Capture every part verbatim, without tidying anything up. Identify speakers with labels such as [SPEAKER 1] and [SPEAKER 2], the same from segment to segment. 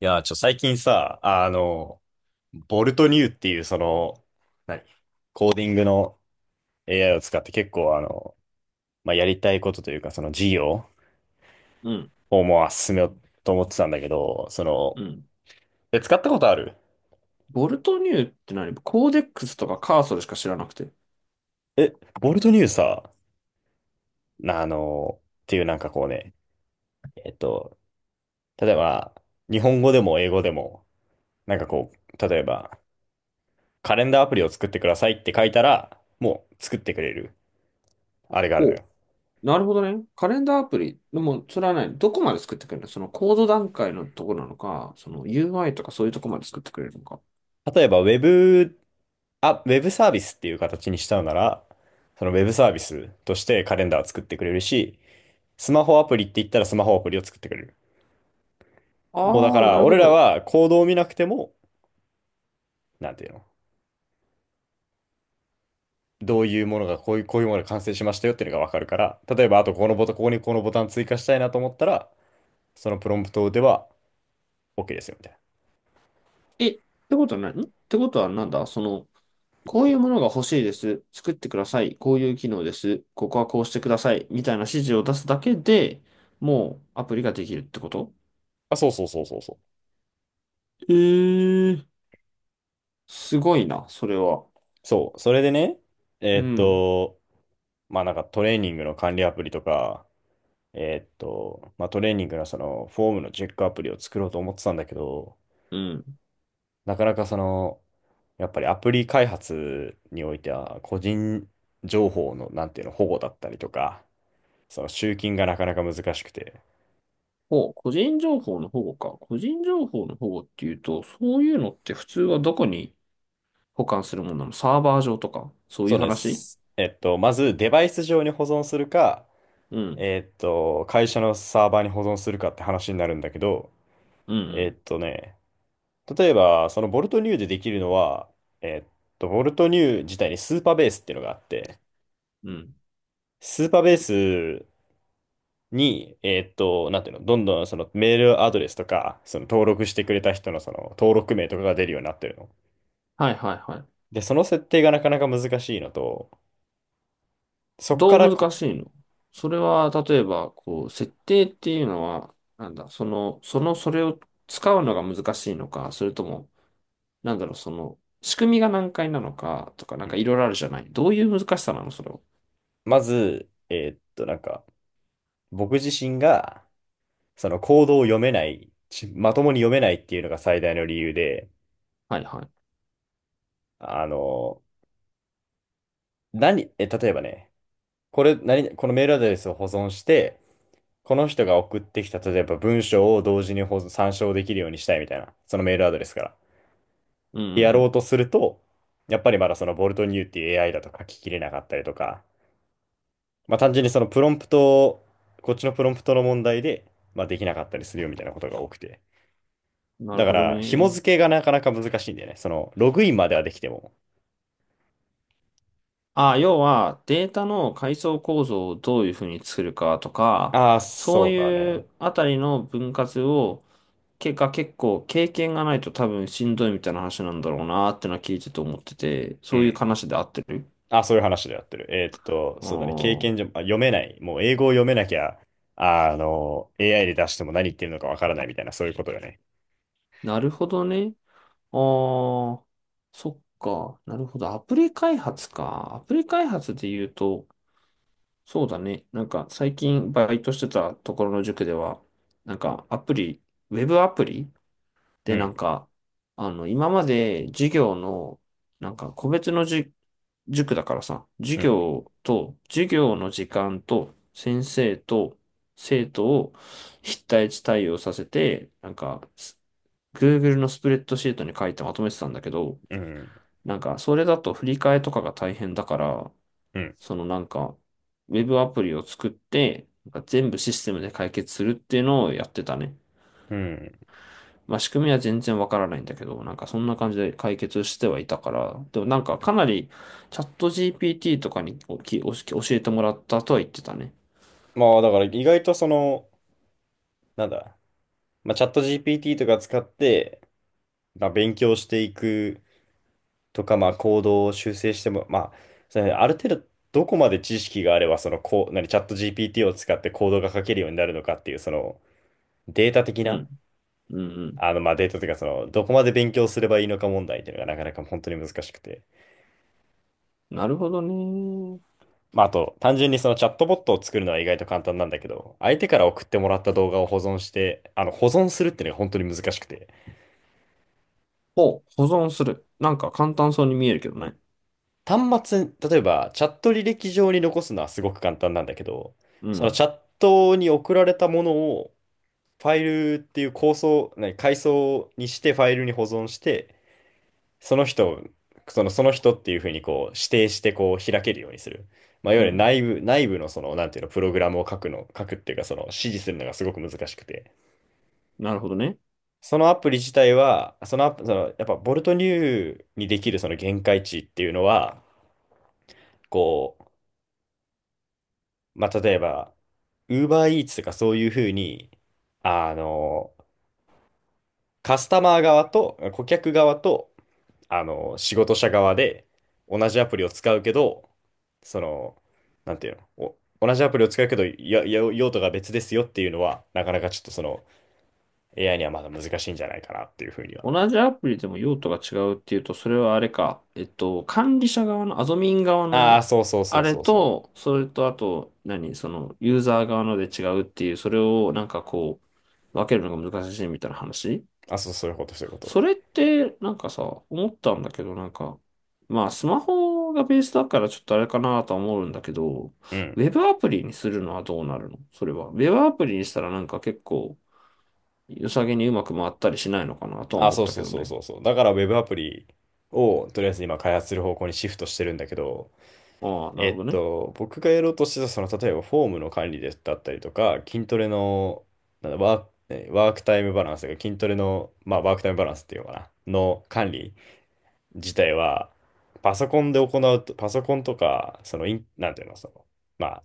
[SPEAKER 1] いやー、ちょ、最近さ、あの、ボルトニューっていう、その、何コーディングの エーアイ を使って結構、あの、まあ、やりたいことというか、その事業
[SPEAKER 2] うん、
[SPEAKER 1] をもう進めようと思ってたんだけど、その、
[SPEAKER 2] うん。
[SPEAKER 1] え、使ったことある
[SPEAKER 2] ボルトニューって何？コーデックスとかカーソルしか知らなくて。
[SPEAKER 1] え、ボルトニューさ、なあの、っていうなんかこうね、えっと、例えば、日本語でも英語でも、なんかこう、例えば、カレンダーアプリを作ってくださいって書いたら、もう作ってくれる、あれがあるの
[SPEAKER 2] お、
[SPEAKER 1] よ。
[SPEAKER 2] なるほどね。カレンダーアプリ。でも、それはね、どこまで作ってくれるの？そのコード段階のとこなのか、その ユーアイ とかそういうとこまで作ってくれるのか。
[SPEAKER 1] 例えば、ウェブあ、ウェブサービスっていう形にしたのなら、そのウェブサービスとしてカレンダーを作ってくれるし、スマホアプリって言ったらスマホアプリを作ってくれる。もうだか
[SPEAKER 2] ああ、な
[SPEAKER 1] ら、
[SPEAKER 2] るほ
[SPEAKER 1] 俺ら
[SPEAKER 2] ど。
[SPEAKER 1] はコードを見なくても、なんていうの、どういうものが、こういう、こういうものが完成しましたよっていうのがわかるから、例えば、あとこのボタン、ここにこのボタン追加したいなと思ったら、そのプロンプトでは OK ですよ、みたいな。
[SPEAKER 2] え、ってことは何んってことはなんだその、こういうものが欲しいです。作ってください。こういう機能です。ここはこうしてください。みたいな指示を出すだけで、もうアプリができるってこと？
[SPEAKER 1] あ、そうそうそうそうそう。
[SPEAKER 2] えー、すごいな、それは。
[SPEAKER 1] そう、それでね、え
[SPEAKER 2] う
[SPEAKER 1] ーっ
[SPEAKER 2] ん。
[SPEAKER 1] と、まあなんかトレーニングの管理アプリとか、えーっと、まあ、トレーニングのそのフォームのチェックアプリを作ろうと思ってたんだけど、
[SPEAKER 2] うん。
[SPEAKER 1] なかなかその、やっぱりアプリ開発においては個人情報の、なんていうの、保護だったりとか、その集金がなかなか難しくて。
[SPEAKER 2] ほ個人情報の保護か。個人情報の保護っていうと、そういうのって普通はどこに保管するものなの？サーバー上とかそうい
[SPEAKER 1] そう
[SPEAKER 2] う
[SPEAKER 1] で
[SPEAKER 2] 話？
[SPEAKER 1] す。えっと、まずデバイス上に保存するか、
[SPEAKER 2] うん。
[SPEAKER 1] えっと、会社のサーバーに保存するかって話になるんだけど、
[SPEAKER 2] う
[SPEAKER 1] えっ
[SPEAKER 2] ん、
[SPEAKER 1] とね、例えば、そのボルトニューでできるのは、えっと、ボルトニュー自体にスーパーベースっていうのがあって、
[SPEAKER 2] うん、うん。
[SPEAKER 1] スーパーベースに、えーっと、なんていうの、どんどんそのメールアドレスとか、その登録してくれた人のその登録名とかが出るようになってるの。
[SPEAKER 2] はいはいはい。
[SPEAKER 1] で、その設定がなかなか難しいのと、そこか
[SPEAKER 2] ど
[SPEAKER 1] ら
[SPEAKER 2] う難
[SPEAKER 1] こ、
[SPEAKER 2] しいのそれは？例えば、こう、設定っていうのは、なんだ、その、その、それを使うのが難しいのか、それとも、なんだろう、その、仕組みが難解なのか、とか、な
[SPEAKER 1] う
[SPEAKER 2] んか
[SPEAKER 1] ん
[SPEAKER 2] いろいろあるじゃない。どういう難しさなのそれは？
[SPEAKER 1] まず、えーっと、なんか、僕自身が、そのコードを読めない、ちまともに読めないっていうのが最大の理由で、
[SPEAKER 2] はいはい。
[SPEAKER 1] あの、何、え、例えばね、これ、何、このメールアドレスを保存して、この人が送ってきた、例えば文章を同時に保存参照できるようにしたいみたいな、そのメールアドレスから。
[SPEAKER 2] うん、
[SPEAKER 1] でや
[SPEAKER 2] う
[SPEAKER 1] ろう
[SPEAKER 2] ん、
[SPEAKER 1] とすると、やっぱりまだそのボルトニューっていう エーアイ だと書ききれなかったりとか、まあ単純にそのプロンプトを、こっちのプロンプトの問題で、まあできなかったりするよみたいなことが多くて。
[SPEAKER 2] うん。な
[SPEAKER 1] だ
[SPEAKER 2] る
[SPEAKER 1] か
[SPEAKER 2] ほど
[SPEAKER 1] ら、紐
[SPEAKER 2] ね。
[SPEAKER 1] 付けがなかなか難しいんだよね。その、ログインまではできても。
[SPEAKER 2] あ、要はデータの階層構造をどういうふうに作るかとか、
[SPEAKER 1] ああ、
[SPEAKER 2] そう
[SPEAKER 1] そうだ
[SPEAKER 2] い
[SPEAKER 1] ね。
[SPEAKER 2] うあたりの分割を、結果結構経験がないと多分しんどいみたいな話なんだろうなーってのは聞いてて思ってて、
[SPEAKER 1] う
[SPEAKER 2] そういう
[SPEAKER 1] ん。
[SPEAKER 2] 話で合ってる？
[SPEAKER 1] あ、そういう話でやってる。えーっと、
[SPEAKER 2] あ
[SPEAKER 1] そうだね。経
[SPEAKER 2] ー、
[SPEAKER 1] 験上、あ、読めない。もう英語を読めなきゃ、あ、あの、エーアイ で出しても何言ってるのかわからないみたいな、そういうことよね。
[SPEAKER 2] なるほどね。あー、そっか。なるほど。アプリ開発か。アプリ開発で言うと、そうだね。なんか最近バイトしてたところの塾では、なんかアプリ、ウェブアプリ
[SPEAKER 1] う
[SPEAKER 2] で、な
[SPEAKER 1] ん、
[SPEAKER 2] んか、あの、今まで授業の、なんか、個別のじ、塾だからさ、授
[SPEAKER 1] うん、
[SPEAKER 2] 業と、授業の時間と、先生と、生徒を一対一対応させて、なんか、す Google のスプレッドシートに書いてまとめてたんだけど、
[SPEAKER 1] うん、
[SPEAKER 2] なんか、それだと振り替えとかが大変だから、
[SPEAKER 1] うん、
[SPEAKER 2] そのなんか、ウェブアプリを作って、なんか全部システムで解決するっていうのをやってたね。
[SPEAKER 1] うん。
[SPEAKER 2] まあ仕組みは全然わからないんだけど、なんかそんな感じで解決してはいたから、でもなんかかなりチャット ジーピーティー とかにおきおし教えてもらったとは言ってたね。
[SPEAKER 1] まあ、だから意外とその、なんだ、まあ、チャット ジーピーティー とか使って、まあ、勉強していくとか、まあ、行動を修正しても、まあ、それある程度、どこまで知識があれば、その、こう、何、チャット ジーピーティー を使ってコードが書けるようになるのかっていう、その、データ的
[SPEAKER 2] う
[SPEAKER 1] な、
[SPEAKER 2] ん。うんうん。
[SPEAKER 1] あの、まあ、データというか、その、どこまで勉強すればいいのか問題っていうのがなかなか本当に難しくて。
[SPEAKER 2] なるほどね。
[SPEAKER 1] まあ、あと、単純にそのチャットボットを作るのは意外と簡単なんだけど、相手から送ってもらった動画を保存して、あの、保存するっていうのが本当に難しくて。
[SPEAKER 2] ほう、保存する。なんか簡単そうに見えるけどね。
[SPEAKER 1] 端末、例えば、チャット履歴上に残すのはすごく簡単なんだけど、
[SPEAKER 2] う
[SPEAKER 1] その
[SPEAKER 2] ん。
[SPEAKER 1] チャットに送られたものを、ファイルっていう構想、何、階層にしてファイルに保存して、その人を、その、その人っていうふうにこう指定してこう開けるようにする。まあ、いわ
[SPEAKER 2] う
[SPEAKER 1] ゆる
[SPEAKER 2] ん。
[SPEAKER 1] 内部、内部のその、なんていうの、プログラムを書くの、書くっていうか、その指示するのがすごく難しくて。
[SPEAKER 2] なるほどね。
[SPEAKER 1] そのアプリ自体は、そのアプ、その、やっぱボルトニューにできるその限界値っていうのは、こう、まあ、例えば、UberEats とかそういうふうに、あの、カスタマー側と顧客側とあの、仕事者側で同じアプリを使うけど、その、なんていうの、お、同じアプリを使うけど、や、や用途が別ですよっていうのは、なかなかちょっとその エーアイ にはまだ難しいんじゃないかなっていうふうには。
[SPEAKER 2] 同じアプリでも用途が違うっていうと、それはあれか、えっと、管理者側の、アドミン側
[SPEAKER 1] ああ、
[SPEAKER 2] の、
[SPEAKER 1] そうそうそ
[SPEAKER 2] あ
[SPEAKER 1] う
[SPEAKER 2] れ
[SPEAKER 1] そうそう。
[SPEAKER 2] と、それと、あと、何、その、ユーザー側ので違うっていう、それをなんかこう、分けるのが難しいみたいな話？
[SPEAKER 1] あ、そう、そういうこと、そういうこと。
[SPEAKER 2] それって、なんかさ、思ったんだけど、なんか、まあ、スマホがベースだからちょっとあれかなとは思うんだけど、
[SPEAKER 1] うん。
[SPEAKER 2] ウェブアプリにするのはどうなるのそれは？ウェブアプリにしたらなんか結構、良さげにうまく回ったりしないのかなとは
[SPEAKER 1] あ、
[SPEAKER 2] 思っ
[SPEAKER 1] そう
[SPEAKER 2] た
[SPEAKER 1] そ
[SPEAKER 2] け
[SPEAKER 1] う
[SPEAKER 2] ど
[SPEAKER 1] そう
[SPEAKER 2] ね。
[SPEAKER 1] そうそう。だから Web アプリをとりあえず今開発する方向にシフトしてるんだけど、
[SPEAKER 2] ああ、な
[SPEAKER 1] え
[SPEAKER 2] るほ
[SPEAKER 1] っ
[SPEAKER 2] どね。
[SPEAKER 1] と、僕がやろうとしてた、その、例えばフォームの管理でだったりとか、筋トレの、なんだ、ワーク、えワークタイムバランスが、筋トレの、まあ、ワークタイムバランスっていうのかな、の管理自体は、パソコンで行うと、パソコンとか、その、イン、なんていうの、その、ま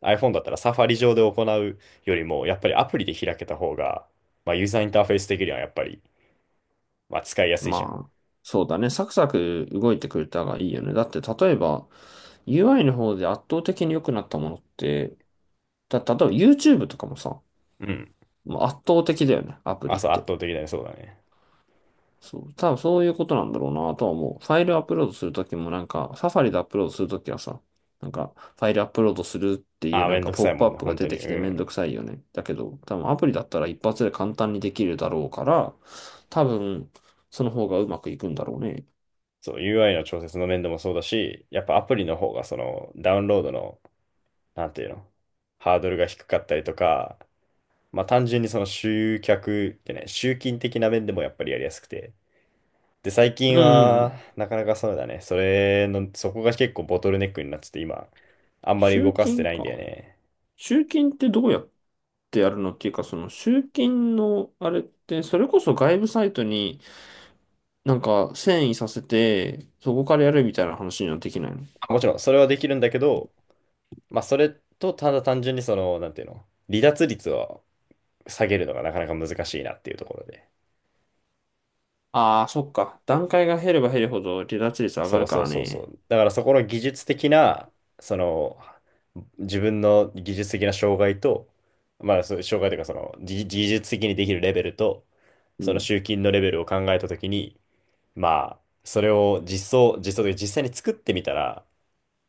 [SPEAKER 1] あ、iPhone だったらサファリ上で行うよりも、やっぱりアプリで開けた方が、まあ、ユーザーインターフェース的にはやっぱり、まあ、使いやすいじゃん。
[SPEAKER 2] まあ、そうだね。サクサク動いてくれたがいいよね。だって、例えば、ユーアイ の方で圧倒的に良くなったものって、た、例えば YouTube とかもさ、
[SPEAKER 1] うん。
[SPEAKER 2] もう圧倒的だよね。アプ
[SPEAKER 1] あ、
[SPEAKER 2] リっ
[SPEAKER 1] そう、圧
[SPEAKER 2] て。
[SPEAKER 1] 倒的だね、そうだね。
[SPEAKER 2] そう、多分そういうことなんだろうなとは思う。ファイルアップロードするときもなんか、サファリでアップロードするときはさ、なんか、ファイルアップロードするっていう
[SPEAKER 1] あ、
[SPEAKER 2] な
[SPEAKER 1] め
[SPEAKER 2] ん
[SPEAKER 1] ん
[SPEAKER 2] か
[SPEAKER 1] どく
[SPEAKER 2] ポッ
[SPEAKER 1] さい
[SPEAKER 2] プ
[SPEAKER 1] も
[SPEAKER 2] アッ
[SPEAKER 1] んね、
[SPEAKER 2] プが
[SPEAKER 1] 本当
[SPEAKER 2] 出
[SPEAKER 1] に。
[SPEAKER 2] て
[SPEAKER 1] う
[SPEAKER 2] きてめんど
[SPEAKER 1] ん。
[SPEAKER 2] くさいよね。だけど、多分アプリだったら一発で簡単にできるだろうから、多分、その方がうまくいくんだろうね。
[SPEAKER 1] そう、ユーアイ の調節の面でもそうだし、やっぱアプリの方がそのダウンロードの、なんていうの、ハードルが低かったりとか、まあ単純にその集客ってね、集金的な面でもやっぱりやりやすくて。で、最
[SPEAKER 2] うん
[SPEAKER 1] 近
[SPEAKER 2] うんう
[SPEAKER 1] は、
[SPEAKER 2] ん。
[SPEAKER 1] なかなかそうだね、それの、そこが結構ボトルネックになってて、今、あんまり動
[SPEAKER 2] 集
[SPEAKER 1] かせて
[SPEAKER 2] 金
[SPEAKER 1] ないんだよ
[SPEAKER 2] か。
[SPEAKER 1] ね。
[SPEAKER 2] 集金ってどうやってやるのっていうか、その集金のあれって、それこそ外部サイトになんか遷移させて、そこからやるみたいな話にはできないの？
[SPEAKER 1] まあもちろん、それはできるんだけど、まあそれと、ただ単純にその、なんていうの、離脱率を下げるのがなかなか難しいなっていうところで。
[SPEAKER 2] ああー、そっか。段階が減れば減るほど離脱率上が
[SPEAKER 1] そ
[SPEAKER 2] る
[SPEAKER 1] う
[SPEAKER 2] か
[SPEAKER 1] そう
[SPEAKER 2] ら
[SPEAKER 1] そうそ
[SPEAKER 2] ね。
[SPEAKER 1] う。だからそこの技術的な、その、自分の技術的な障害と、まあ、そう障害というか、その、技技術的にできるレベルと、
[SPEAKER 2] う
[SPEAKER 1] その
[SPEAKER 2] ん。
[SPEAKER 1] 集金のレベルを考えたときに、まあ、それを実装、実装というか実際に作ってみたら、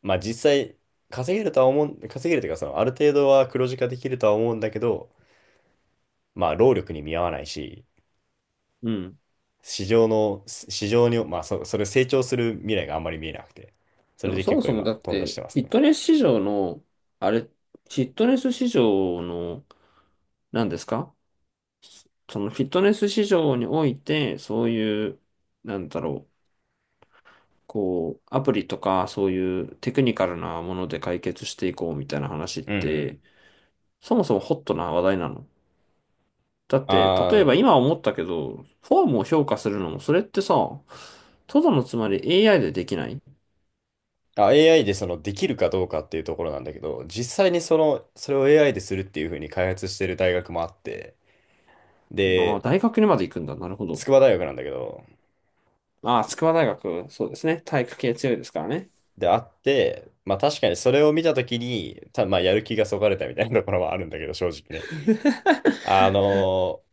[SPEAKER 1] まあ実際稼げるとは思う、稼げるというか、その、ある程度は黒字化できるとは思うんだけど、まあ、労力に見合わないし、
[SPEAKER 2] うん。
[SPEAKER 1] 市場の、市場に、まあ、そ、それ成長する未来があんまり見えなくて、そ
[SPEAKER 2] で
[SPEAKER 1] れ
[SPEAKER 2] も
[SPEAKER 1] で
[SPEAKER 2] そ
[SPEAKER 1] 結
[SPEAKER 2] も
[SPEAKER 1] 構
[SPEAKER 2] そも
[SPEAKER 1] 今、
[SPEAKER 2] だっ
[SPEAKER 1] 頓挫し
[SPEAKER 2] て、
[SPEAKER 1] てま
[SPEAKER 2] フ
[SPEAKER 1] す
[SPEAKER 2] ィッ
[SPEAKER 1] ね。
[SPEAKER 2] トネス市場の、あれ、フィットネス市場の、何ですか？そのフィットネス市場において、そういう、なんだろう。こう、アプリとかそういうテクニカルなもので解決していこうみたいな話っ
[SPEAKER 1] うんうん。
[SPEAKER 2] て、そもそもホットな話題なの？だっ
[SPEAKER 1] あ
[SPEAKER 2] て、例えば
[SPEAKER 1] ー
[SPEAKER 2] 今思ったけど、フォームを評価するのも、それってさ、とどのつまり エーアイ でできない？
[SPEAKER 1] あ、エーアイ でそのできるかどうかっていうところなんだけど、実際にその、それを エーアイ でするっていうふうに開発してる大学もあって、
[SPEAKER 2] ああ、
[SPEAKER 1] で、
[SPEAKER 2] 大学にまで行くんだ。なるほど。
[SPEAKER 1] 筑波大学なんだけど、
[SPEAKER 2] ああ、筑波大学、そうですね。体育系強いですからね。
[SPEAKER 1] で、あって、まあ確かにそれを見たときに、た、まあやる気がそがれたみたいなところはあるんだけど、正直ね。あのー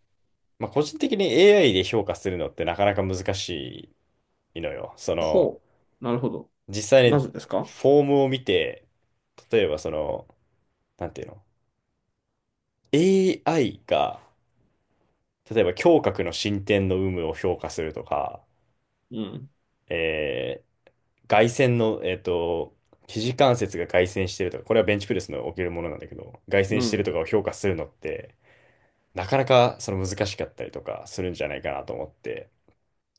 [SPEAKER 1] まあ個人的に エーアイ で評価するのってなかなか難しいのよ。その、
[SPEAKER 2] ほう。なるほど。
[SPEAKER 1] 実際に
[SPEAKER 2] なぜですか？
[SPEAKER 1] フォームを見て、例えばその、なんていうの エーアイ が、例えば胸郭の進展の有無を評価するとか、
[SPEAKER 2] うん。
[SPEAKER 1] えー外旋の、えっと、肘関節が外旋してるとか、これはベンチプレスの起きるものなんだけど、外旋
[SPEAKER 2] う
[SPEAKER 1] してる
[SPEAKER 2] ん。
[SPEAKER 1] とかを評価するのって、なかなかその難しかったりとかするんじゃないかなと思って、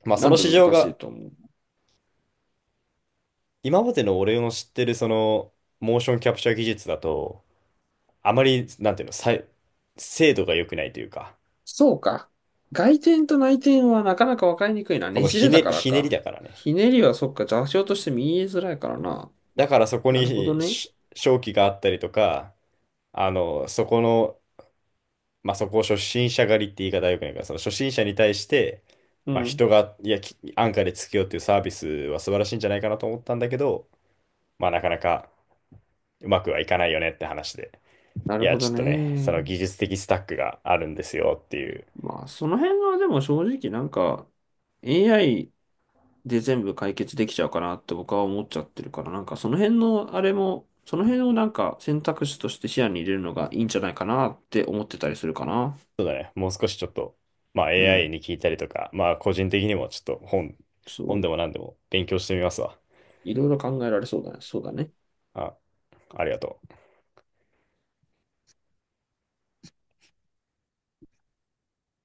[SPEAKER 1] まあそ
[SPEAKER 2] なん
[SPEAKER 1] の
[SPEAKER 2] で
[SPEAKER 1] 市
[SPEAKER 2] 難
[SPEAKER 1] 場
[SPEAKER 2] しい
[SPEAKER 1] が、
[SPEAKER 2] と思う？
[SPEAKER 1] 今までの俺の知ってるその、モーションキャプチャー技術だと、あまり、なんていうの、さい精度が良くないというか、
[SPEAKER 2] そうか。外転と内転はなかなか分かりにくいな。
[SPEAKER 1] こ
[SPEAKER 2] ね
[SPEAKER 1] の
[SPEAKER 2] じ
[SPEAKER 1] ひ
[SPEAKER 2] れだ
[SPEAKER 1] ね、
[SPEAKER 2] から
[SPEAKER 1] ひねり
[SPEAKER 2] か。
[SPEAKER 1] だからね。
[SPEAKER 2] ひねりはそっか、座標として見えづらいからな。
[SPEAKER 1] だからそこ
[SPEAKER 2] なるほど
[SPEAKER 1] に
[SPEAKER 2] ね。
[SPEAKER 1] し商機があったりとか、あの、そこの、まあ、そこを初心者狩りって言い方はよくないから、その初心者に対して、
[SPEAKER 2] う
[SPEAKER 1] まあ、
[SPEAKER 2] ん。
[SPEAKER 1] 人が、いや、き安価でつけようっていうサービスは素晴らしいんじゃないかなと思ったんだけど、まあ、なかなかうまくはいかないよねって話で、
[SPEAKER 2] な
[SPEAKER 1] い
[SPEAKER 2] る
[SPEAKER 1] や、
[SPEAKER 2] ほ
[SPEAKER 1] ち
[SPEAKER 2] ど
[SPEAKER 1] ょっとね、そ
[SPEAKER 2] ね。
[SPEAKER 1] の技術的スタックがあるんですよっていう、
[SPEAKER 2] まあ、その辺はでも正直なんか エーアイ で全部解決できちゃうかなって僕は思っちゃってるから、なんかその辺のあれも、その辺をなんか選択肢として視野に入れるのがいいんじゃないかなって思ってたりするかな。
[SPEAKER 1] そうだね、もう少しちょっと、まあ、
[SPEAKER 2] う
[SPEAKER 1] エーアイ
[SPEAKER 2] ん。
[SPEAKER 1] に聞いたりとか、まあ、個人的にもちょっと本、
[SPEAKER 2] そ
[SPEAKER 1] 本でも
[SPEAKER 2] う。
[SPEAKER 1] 何でも勉強してみますわ。
[SPEAKER 2] いろいろ考えられそうだね。そうだね。
[SPEAKER 1] あ、ありがとう。